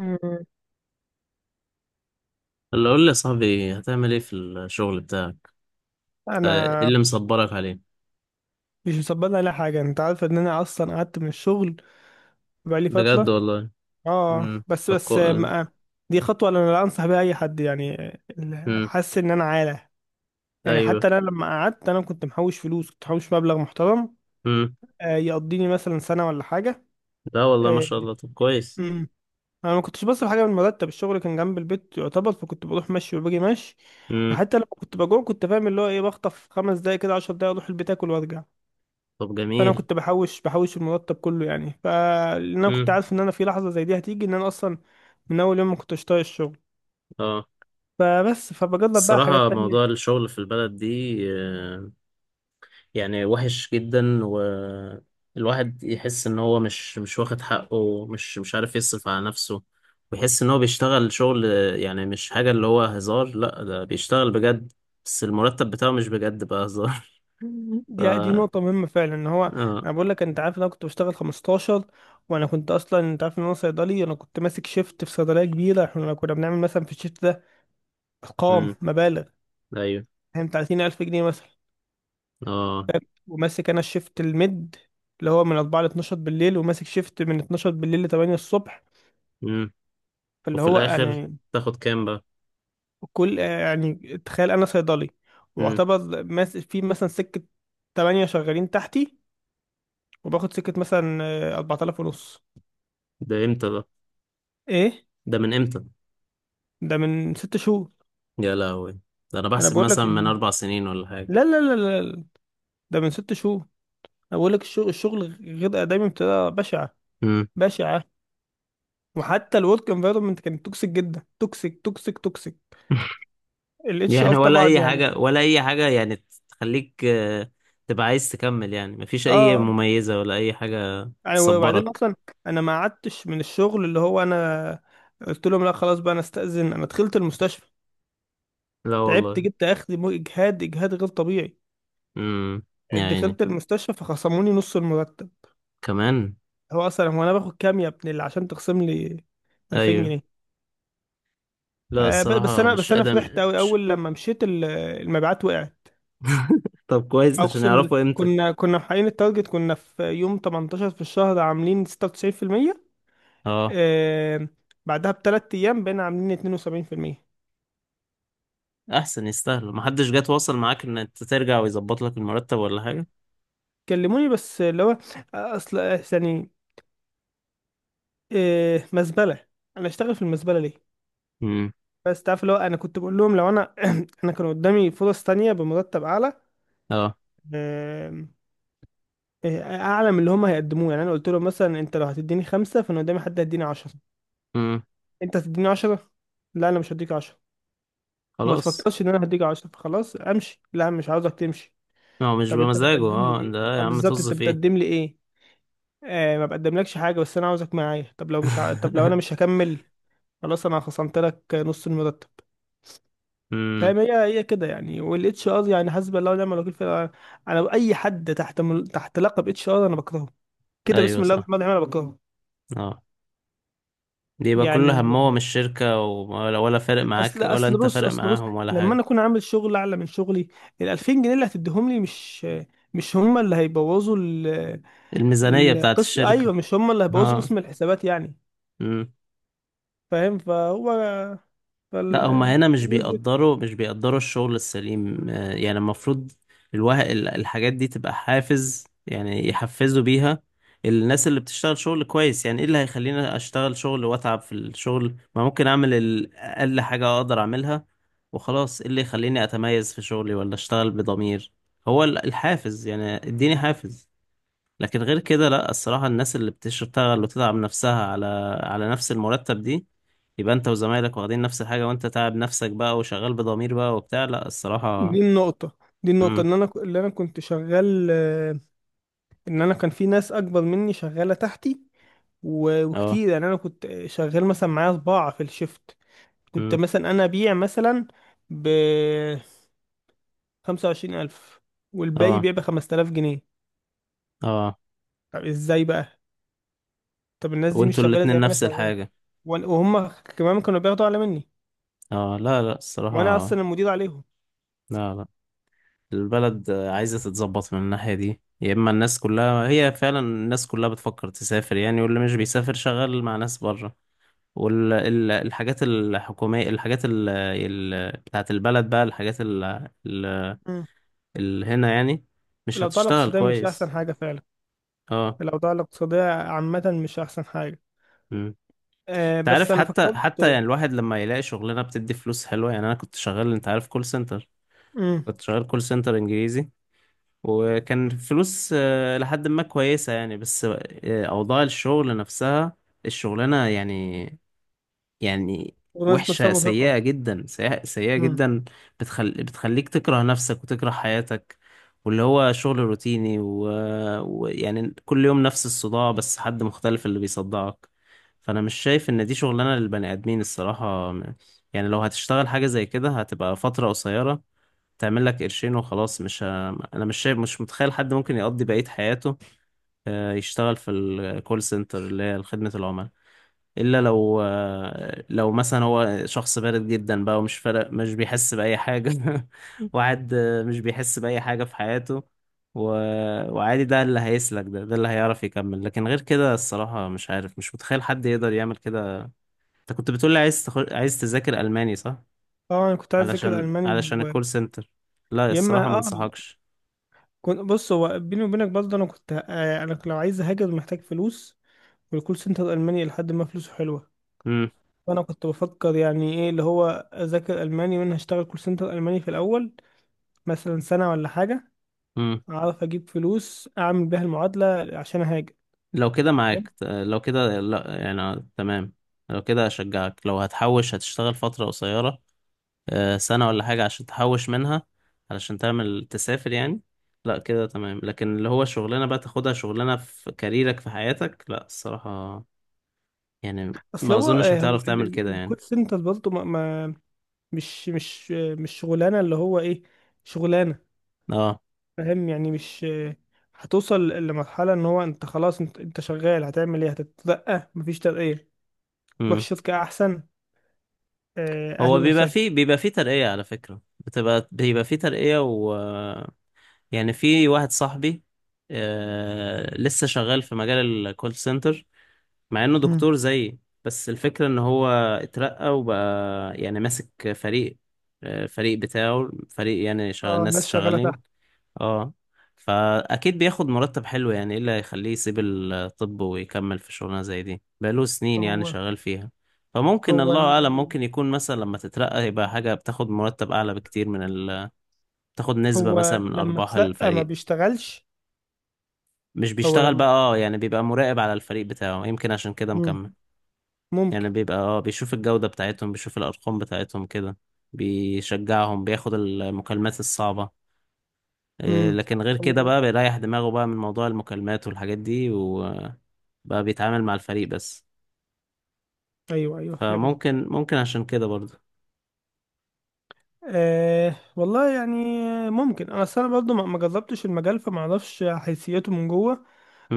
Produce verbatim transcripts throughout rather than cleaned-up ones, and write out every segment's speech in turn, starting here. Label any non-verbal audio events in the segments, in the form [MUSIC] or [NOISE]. مم. اللي قول لي يا صاحبي هتعمل ايه في الشغل بتاعك؟ آه، ايه انا. اللي مصبرك عليه؟ مش مصبرني على حاجه، انت عارف ان انا اصلا قعدت من الشغل بقالي بجد فتره. والله. اه، امم بس طب كو... بس ما دي خطوه انا لا انصح بيها اي حد يعني. ال- امم حاسس ان انا عاله. يعني ايوه. حتى انا لما قعدت انا كنت محوش فلوس، كنت محوش مبلغ محترم امم آه يقضيني مثلا سنه ولا حاجه. لا والله، ما آه. شاء الله. طب كويس. مم. انا ما كنتش بصرف حاجه من المرتب، الشغل كان جنب البيت يعتبر، فكنت بروح مشي وباجي مشي. امم وحتى لما كنت بجوع كنت فاهم اللي هو ايه، بخطف خمس دقايق كده، عشر دقايق، اروح البيت اكل وارجع. طب فانا جميل. كنت بحوش بحوش المرتب كله. يعني فلان انا كنت امم عارف ان انا في لحظه زي دي هتيجي، ان انا اصلا من اول يوم ما كنتش طايق الشغل. اه فبس فبجرب بقى حاجات الصراحة موضوع تانية. الشغل في البلد دي آه، يعني وحش جدا، والواحد يحس ان هو مش مش واخد حقه، مش مش عارف يصرف على نفسه، ويحس ان هو بيشتغل شغل، يعني مش حاجة اللي هو هزار، لا ده بيشتغل بجد، بس المرتب بتاعه مش بجد بقى هزار. [LAUGHS] ف دي دي نقطه مهمه فعلا. ان هو اه انا بقول لك، انت عارف ان انا كنت بشتغل خمستاشر. وانا كنت اصلا، انت عارف ان انا صيدلي، انا كنت ماسك شيفت في صيدليه كبيره. احنا كنا بنعمل مثلا في الشيفت ده ارقام امم مبالغ، ايوه. فاهم؟ تلاتين ألف جنيه مثلا. اه وماسك انا الشيفت الميد اللي هو من أربعة ل اتناشر بالليل، وماسك شيفت من اتناشر بالليل ل تمانية الصبح. امم فاللي وفي هو الاخر يعني تاخد كام بقى؟ كل، يعني تخيل انا صيدلي امم واعتبر ماس في مثلا سكة تمانية شغالين تحتي، وباخد سكة مثلا آه، أربعة آلاف ونص. ده امتى ده؟ ايه؟ ده من امتى؟ ده من ست شهور. يا لهوي، ده انا انا بحسب بقول مثلا لك من لا. اربع سنين ولا حاجة. لا لا لا لا ده من ست شهور. انا بقول لك الشغل، الشغل غير آدمي بطريقة بشعة، امم بشعة. وحتى الورك انفايرمنت كانت توكسيك جدا، توكسيك توكسيك توكسيك. الاتش ار يعني ولا طبعا اي يعني. حاجة ولا اي حاجة يعني، تخليك آه، تبقى عايز تكمل، يعني مفيش اي اه. مميزة ولا اي حاجة يعني وبعدين تصبرك. اصلا انا ما قعدتش من الشغل اللي هو، انا قلت لهم لا خلاص بقى انا استأذن، انا دخلت المستشفى، لا تعبت، والله. جبت اخري، مو اجهاد، اجهاد غير طبيعي. امم يعني يعني دخلت المستشفى فخصموني نص المرتب. كمان؟ هو اصلا هو انا باخد كام يا ابن اللي عشان تخصم لي 2000 ايوه، جنيه لا آه ب- بس الصراحة انا، مش بس انا ادم، فرحت قوي مش… اول لما مشيت، ال- المبيعات وقعت. [LAUGHS] طب كويس، عشان اقسم بالله يعرفوا قيمتك. كنا كنا محققين التارجت. كنا في يوم تمنتاشر في الشهر عاملين ستة وتسعين في المية. اه، آه. بعدها بثلاث ايام بقينا عاملين اثنين وسبعين في المية. احسن يستاهلوا. محدش جه تواصل معاك ان انت ترجع ويظبط لك المرتب ولا حاجة؟ كلموني بس اللي هو آه، اصل آه، يعني آه مزبله. انا اشتغل في المزبله ليه؟ امم بس تعرف اللي هو انا كنت بقول لهم لو انا، [CLEARS THROAT] انا كان قدامي فرص تانية بمرتب اعلى. اه آم، آه، اعلى من اللي هم هيقدموه. يعني انا قلت لهم: مثلا انت لو هتديني خمسة، فانا قدامي حد هيديني عشرة. امم انت هتديني عشرة؟ لا انا مش هديك عشرة. وما خلاص. تفكرش ان انا هديك عشرة. فخلاص امشي. لا، مش عاوزك تمشي. هو مش طب انت بمزاجه، بتقدم لي اه ايه ده آه، يا عم بالظبط؟ طز انت فيه. بتقدم لي ايه؟ آه، ما بقدملكش حاجة، بس انا عاوزك معايا. طب لو مش ع... طب لو [LAUGHS] انا مش هكمل؟ خلاص انا خصمت لك نص المرتب. امم فاهم؟ هي هي كده يعني. والاتش ار يعني حسب الله ونعم الوكيل فعلا. انا اي حد تحت مل... تحت لقب اتش ار انا بكرهه، كده ايوه بسم الله صح. الرحمن الرحيم انا بكرهه. اه، بيبقى كل يعني همهم الشركة، ولا ولا فارق معاك اصل ولا اصل انت بص، فارق اصل بص، معاهم ولا لما حاجة. انا اكون عامل شغل اعلى من شغلي، ال ألفين جنيه اللي هتديهم لي مش، مش هم اللي هيبوظوا ال... الميزانية بتاعت القص، الشركة. ايوه، مش هم اللي هيبوظوا اه. قسم الحسابات يعني. مم. فاهم؟ فهو فال... لا هما هنا مش فالناس دي، بيقدروا مش بيقدروا الشغل السليم، آه، يعني المفروض الوه... ال- الحاجات دي تبقى حافز، يعني يحفزوا بيها الناس اللي بتشتغل شغل كويس. يعني ايه اللي هيخليني اشتغل شغل واتعب في الشغل، ما ممكن اعمل ال- اقل حاجة اقدر اعملها وخلاص. ايه اللي يخليني اتميز في شغلي ولا اشتغل بضمير؟ هو ال- الحافز، يعني اديني حافز. لكن غير كده لا، الصراحة الناس اللي بتشتغل وتتعب نفسها على على نفس المرتب دي، يبقى انت وزمايلك واخدين نفس الحاجة، وانت تعب نفسك بقى وشغال بضمير بقى وبتاع، لا الصراحة. دي النقطة دي النقطة امم ان انا ك- اللي انا كنت شغال، ان انا كان في ناس اكبر مني شغاله تحتي. و- اه وكتير يعني انا كنت شغال مثلا معايا صباعة في الشفت. كنت امم مثلا انا ابيع مثلا ب خمسة وعشرين ألف، والباقي اه يبيع ب خمسة آلاف جنيه. اه، طب ازاي بقى؟ طب الناس دي مش وانتوا شغاله زي الاتنين ما انا نفس شغال. الحاجة. وأنا- وهم كمان كانوا بياخدوا اعلى مني، اه لا لا وانا الصراحة، اصلا المدير عليهم. لا لا. البلد عايزة تتظبط من الناحية دي، يا اما الناس كلها هي فعلا الناس كلها بتفكر تسافر يعني، واللي مش بيسافر شغال مع ناس بره. والحاجات الحكومية، الحاجات ال- ال- بتاعت البلد بقى، الحاجات ال- ال- مم. اللي هنا يعني، مش الأوضاع هتشتغل الاقتصادية مش أحسن كويس. حاجة فعلا. اه الأوضاع الاقتصادية عامة مش أحسن حاجة. امم أه انت بس عارف، أنا حتى فكرت. حتى يعني الواحد لما يلاقي شغلانه بتدي فلوس حلوه، يعني انا كنت شغال انت عارف كول سنتر، امم. كنت شغال كول سنتر انجليزي، وكان فلوس آه، لحد ما كويسه يعني، بس آه، اوضاع الشغل نفسها، الشغلانه يعني، يعني الناس نفسها وحشة، مرهقة. سيئة جدا، سيئة, سيئة امم. جدا. بتخل... بتخليك تكره نفسك وتكره حياتك، واللي هو شغل روتيني ويعني و... ويعني كل يوم نفس الصداع، بس حد مختلف اللي بيصدعك. فأنا مش شايف إن دي شغلانة للبني آدمين الصراحة. يعني لو هتشتغل حاجة زي كده هتبقى فترة قصيرة، تعمل لك قرشين وخلاص، مش ه... أنا مش شايف، مش متخيل حد ممكن يقضي بقية حياته آه، يشتغل في الكول سنتر اللي هي خدمة العملاء، الا لو آه، لو مثلا هو شخص بارد جدا بقى ومش فارق، مش بيحس باي حاجه. [LAUGHS] واحد مش بيحس باي حاجه في حياته و... وعادي، ده اللي هيسلك، ده ده اللي هيعرف يكمل، لكن غير كده الصراحه مش عارف، مش متخيل حد يقدر يعمل كده. انت كنت بتقولي عايز تخ... عايز تذاكر الماني صح؟ اه، أنا كنت عايز أذاكر علشان ألماني علشان و... الكول سنتر؟ لا يا الصراحه ما إما اه، انصحكش. كنت، بص، هو بيني وبينك برضه، أنا كنت، آه أنا لو عايز أهاجر محتاج فلوس. والكول سنتر الألماني لحد ما فلوسه حلوة. امم فأنا كنت بفكر يعني إيه اللي هو، أذاكر ألماني وأنا هشتغل كول سنتر ألماني في الأول، مثلا سنة ولا حاجة، امم أعرف أجيب فلوس أعمل بيها المعادلة عشان أهاجر. لو كده معاك، لو كده لا يعني آه، تمام. لو كده اشجعك، لو هتحوش، هتشتغل فتره قصيره آه، سنة ولا حاجة عشان تحوش منها، علشان تعمل تسافر يعني، لا كده تمام. لكن اللي هو شغلانة بقى تاخدها شغلانة في كاريرك في حياتك، لا الصراحة. يعني اصل ما هو أظنش آه، هو هتعرف ال- تعمل كده ال- يعني. الكول سنتر برضه ما ما- مش، مش آه، مش شغلانه اللي هو ايه، شغلانه. اه فاهم يعني؟ مش آه، هتوصل لمرحله ان هو انت خلاص، انت, انت شغال، هتعمل ايه؟ هتترقى؟ مفيش ترقيه. تروح امم شركه احسن؟ آه، هو اهلا بيبقى وسهلا. فيه، بيبقى فيه ترقية على فكرة بتبقى بيبقى فيه ترقية و… يعني في واحد صاحبي آه لسه شغال في مجال الكول سنتر مع انه مم. دكتور زيي، بس الفكرة ان هو اترقى وبقى يعني ماسك فريق، آه، فريق بتاعه، فريق يعني شغ... اه الناس ناس شغاله شغالين. تحت. اه، فاكيد بياخد مرتب حلو، يعني ايه اللي هيخليه يسيب الطب ويكمل في شغلانة زي دي بقاله سنين يعني هو شغال فيها؟ فممكن هو الله ال- اعلم، ممكن يكون مثلا لما تترقى يبقى حاجة بتاخد مرتب اعلى بكتير من ال... تاخد نسبة هو مثلا من لما ارباح ترقى ما الفريق. بيشتغلش. مش هو بيشتغل لما، بقى اه، يعني بيبقى مراقب على الفريق بتاعه، يمكن عشان كده مم. مكمل. ممكن. يعني بيبقى اه بيشوف الجودة بتاعتهم، بيشوف الأرقام بتاعتهم كده، بيشجعهم، بياخد المكالمات الصعبة، إيه، مم. لكن غير كده هو- بقى بيريح دماغه بقى من موضوع المكالمات والحاجات دي، وبقى بيتعامل مع الفريق بس. ايوه ايوه فهمت. فممكن، ممكن عشان كده برضه. أه والله يعني ممكن. انا اصل انا برضه ما ما جربتش المجال فما اعرفش حيثياته من جوه.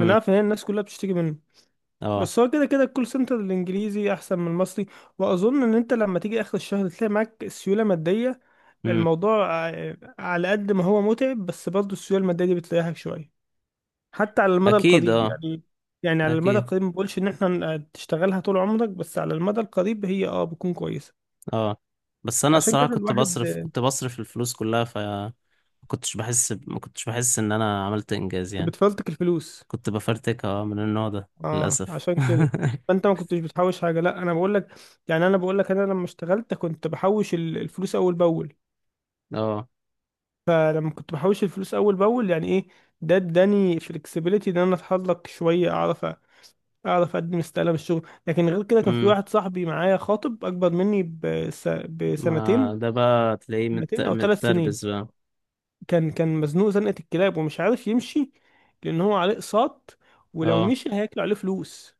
انا عارف ان هي الناس كلها بتشتكي منه. اه بس هو كده كده الكول سنتر الانجليزي احسن من المصري. واظن ان انت لما تيجي اخر الشهر تلاقي معاك سيوله ماديه. امم الموضوع آه، على قد ما هو متعب بس برضه السيوله الماديه دي بتريحك شويه، حتى على المدى اكيد القريب اه، يعني. يعني على المدى اكيد. القريب ما بقولش ان احنا آه، تشتغلها طول عمرك، بس على المدى القريب هي اه بتكون كويسه. اه، بس انا عشان الصراحة كده كنت الواحد بصرف آه، كنت بصرف الفلوس كلها، فما كنتش بحس ب- ما كنتش بحس ان انا عملت انجاز يعني، بتفلتك الفلوس. كنت بفرتكها آه، من النوع ده اه، للاسف. عشان كده. [LAUGHS] فانت ما كنتش بتحوش حاجه. لا انا بقول لك، يعني انا بقول لك، انا لما اشتغلت كنت بحوش ال- الفلوس اول باول. اه فلما كنت بحوش الفلوس اول باول، يعني ايه؟ ده اداني فلكسبيليتي ان انا اتحرك شويه، اعرف أ- اعرف اقدم استقاله من الشغل. لكن غير كده كان في امم واحد صاحبي معايا خاطب اكبر مني بس ما بسنتين، ده بقى تلاقيه مت... سنتين او ثلاث سنين. متربس بقى. كان كان مزنوق زنقه الكلاب ومش عارف يمشي لان هو عليه اقساط، ولو اه مشي هياكلوا عليه فلوس.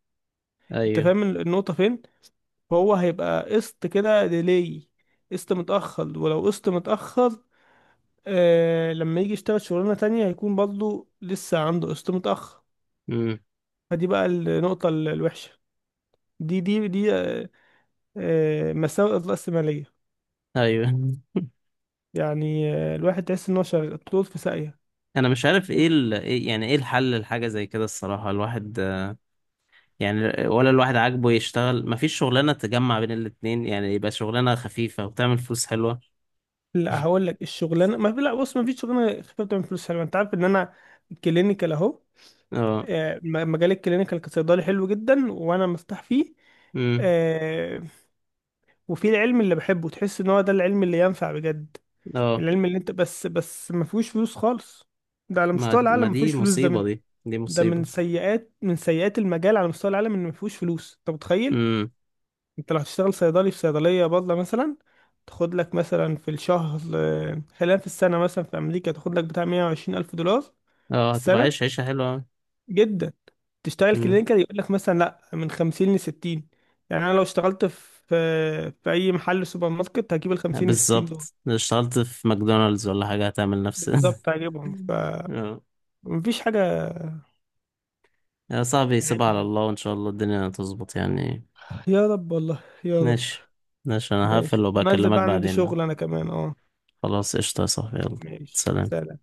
انت ايوه فاهم النقطة فين؟ فهو هيبقى قسط كده ديلي، قسط متأخر، ولو قسط متأخر آه لما يجي يشتغل شغلانة تانية هيكون برضه لسه عنده قسط متأخر. امم فدي بقى النقطة ال- الوحشة. دي دي دي آه آه، مساوئ الرأسمالية ايوه. [LAUGHS] يعني. آه، الواحد تحس إن هو شغال طول في ساقية. انا مش عارف ايه ال... إيه يعني ايه الحل لحاجه زي كده الصراحه؟ الواحد يعني، ولا الواحد عاجبه يشتغل، مفيش شغلانه تجمع بين الاتنين يعني، يبقى شغلانه خفيفه وتعمل فلوس حلوه. لا هقول [LAUGHS] لك الشغلانة ما في، لا بص، ما فيش شغلانة خفيفة بتعمل فلوس حلوة. أنت عارف إن أنا كلينيكال أهو. اه آه، م- مجال الكلينيكال كصيدلي حلو جدا وانا مرتاح فيه. امم آه، وفي العلم اللي بحبه تحس ان هو ده العلم اللي ينفع بجد. اه العلم اللي انت بس بس ما فيهوش فلوس خالص. ده على ما مستوى د- ما العالم ما دي فيهوش فلوس. ده مصيبه، من دي دي ده مصيبه. من سيئات، من سيئات المجال على مستوى العالم ان ما فيهوش فلوس. انت متخيل؟ امم انت لو هتشتغل صيدلي في صيدلية بادلة مثلا تاخد لك مثلا في الشهر، آه، خلينا في السنة، مثلا في أمريكا تاخد لك بتاع مائة وعشرين ألف دولار في اه هتبقى السنة. عايش عيشه حلوه أوي. جدا. تشتغل امم كلينيكال يقول لك مثلا لا من خمسين ل ستين. يعني انا لو اشتغلت في في اي محل سوبر ماركت هجيب ال خمسين ل ستين دول بالظبط، لو اشتغلت في ماكدونالدز ولا حاجه هتعمل نفس… [LAUGHS] بالظبط، هجيبهم. اه، فمفيش حاجه يا صاحبي سيب عدل على يعني. الله، وإن شاء الله الدنيا تظبط يعني. يا رب، والله يا رب. ماشي، ماشي، أنا هقفل ماشي. انا انزل وبكلمك بقى عندي بعدين بقى. شغل انا كمان. اه. خلاص قشطة يا صاحبي يلا. ماشي سلام. سلام.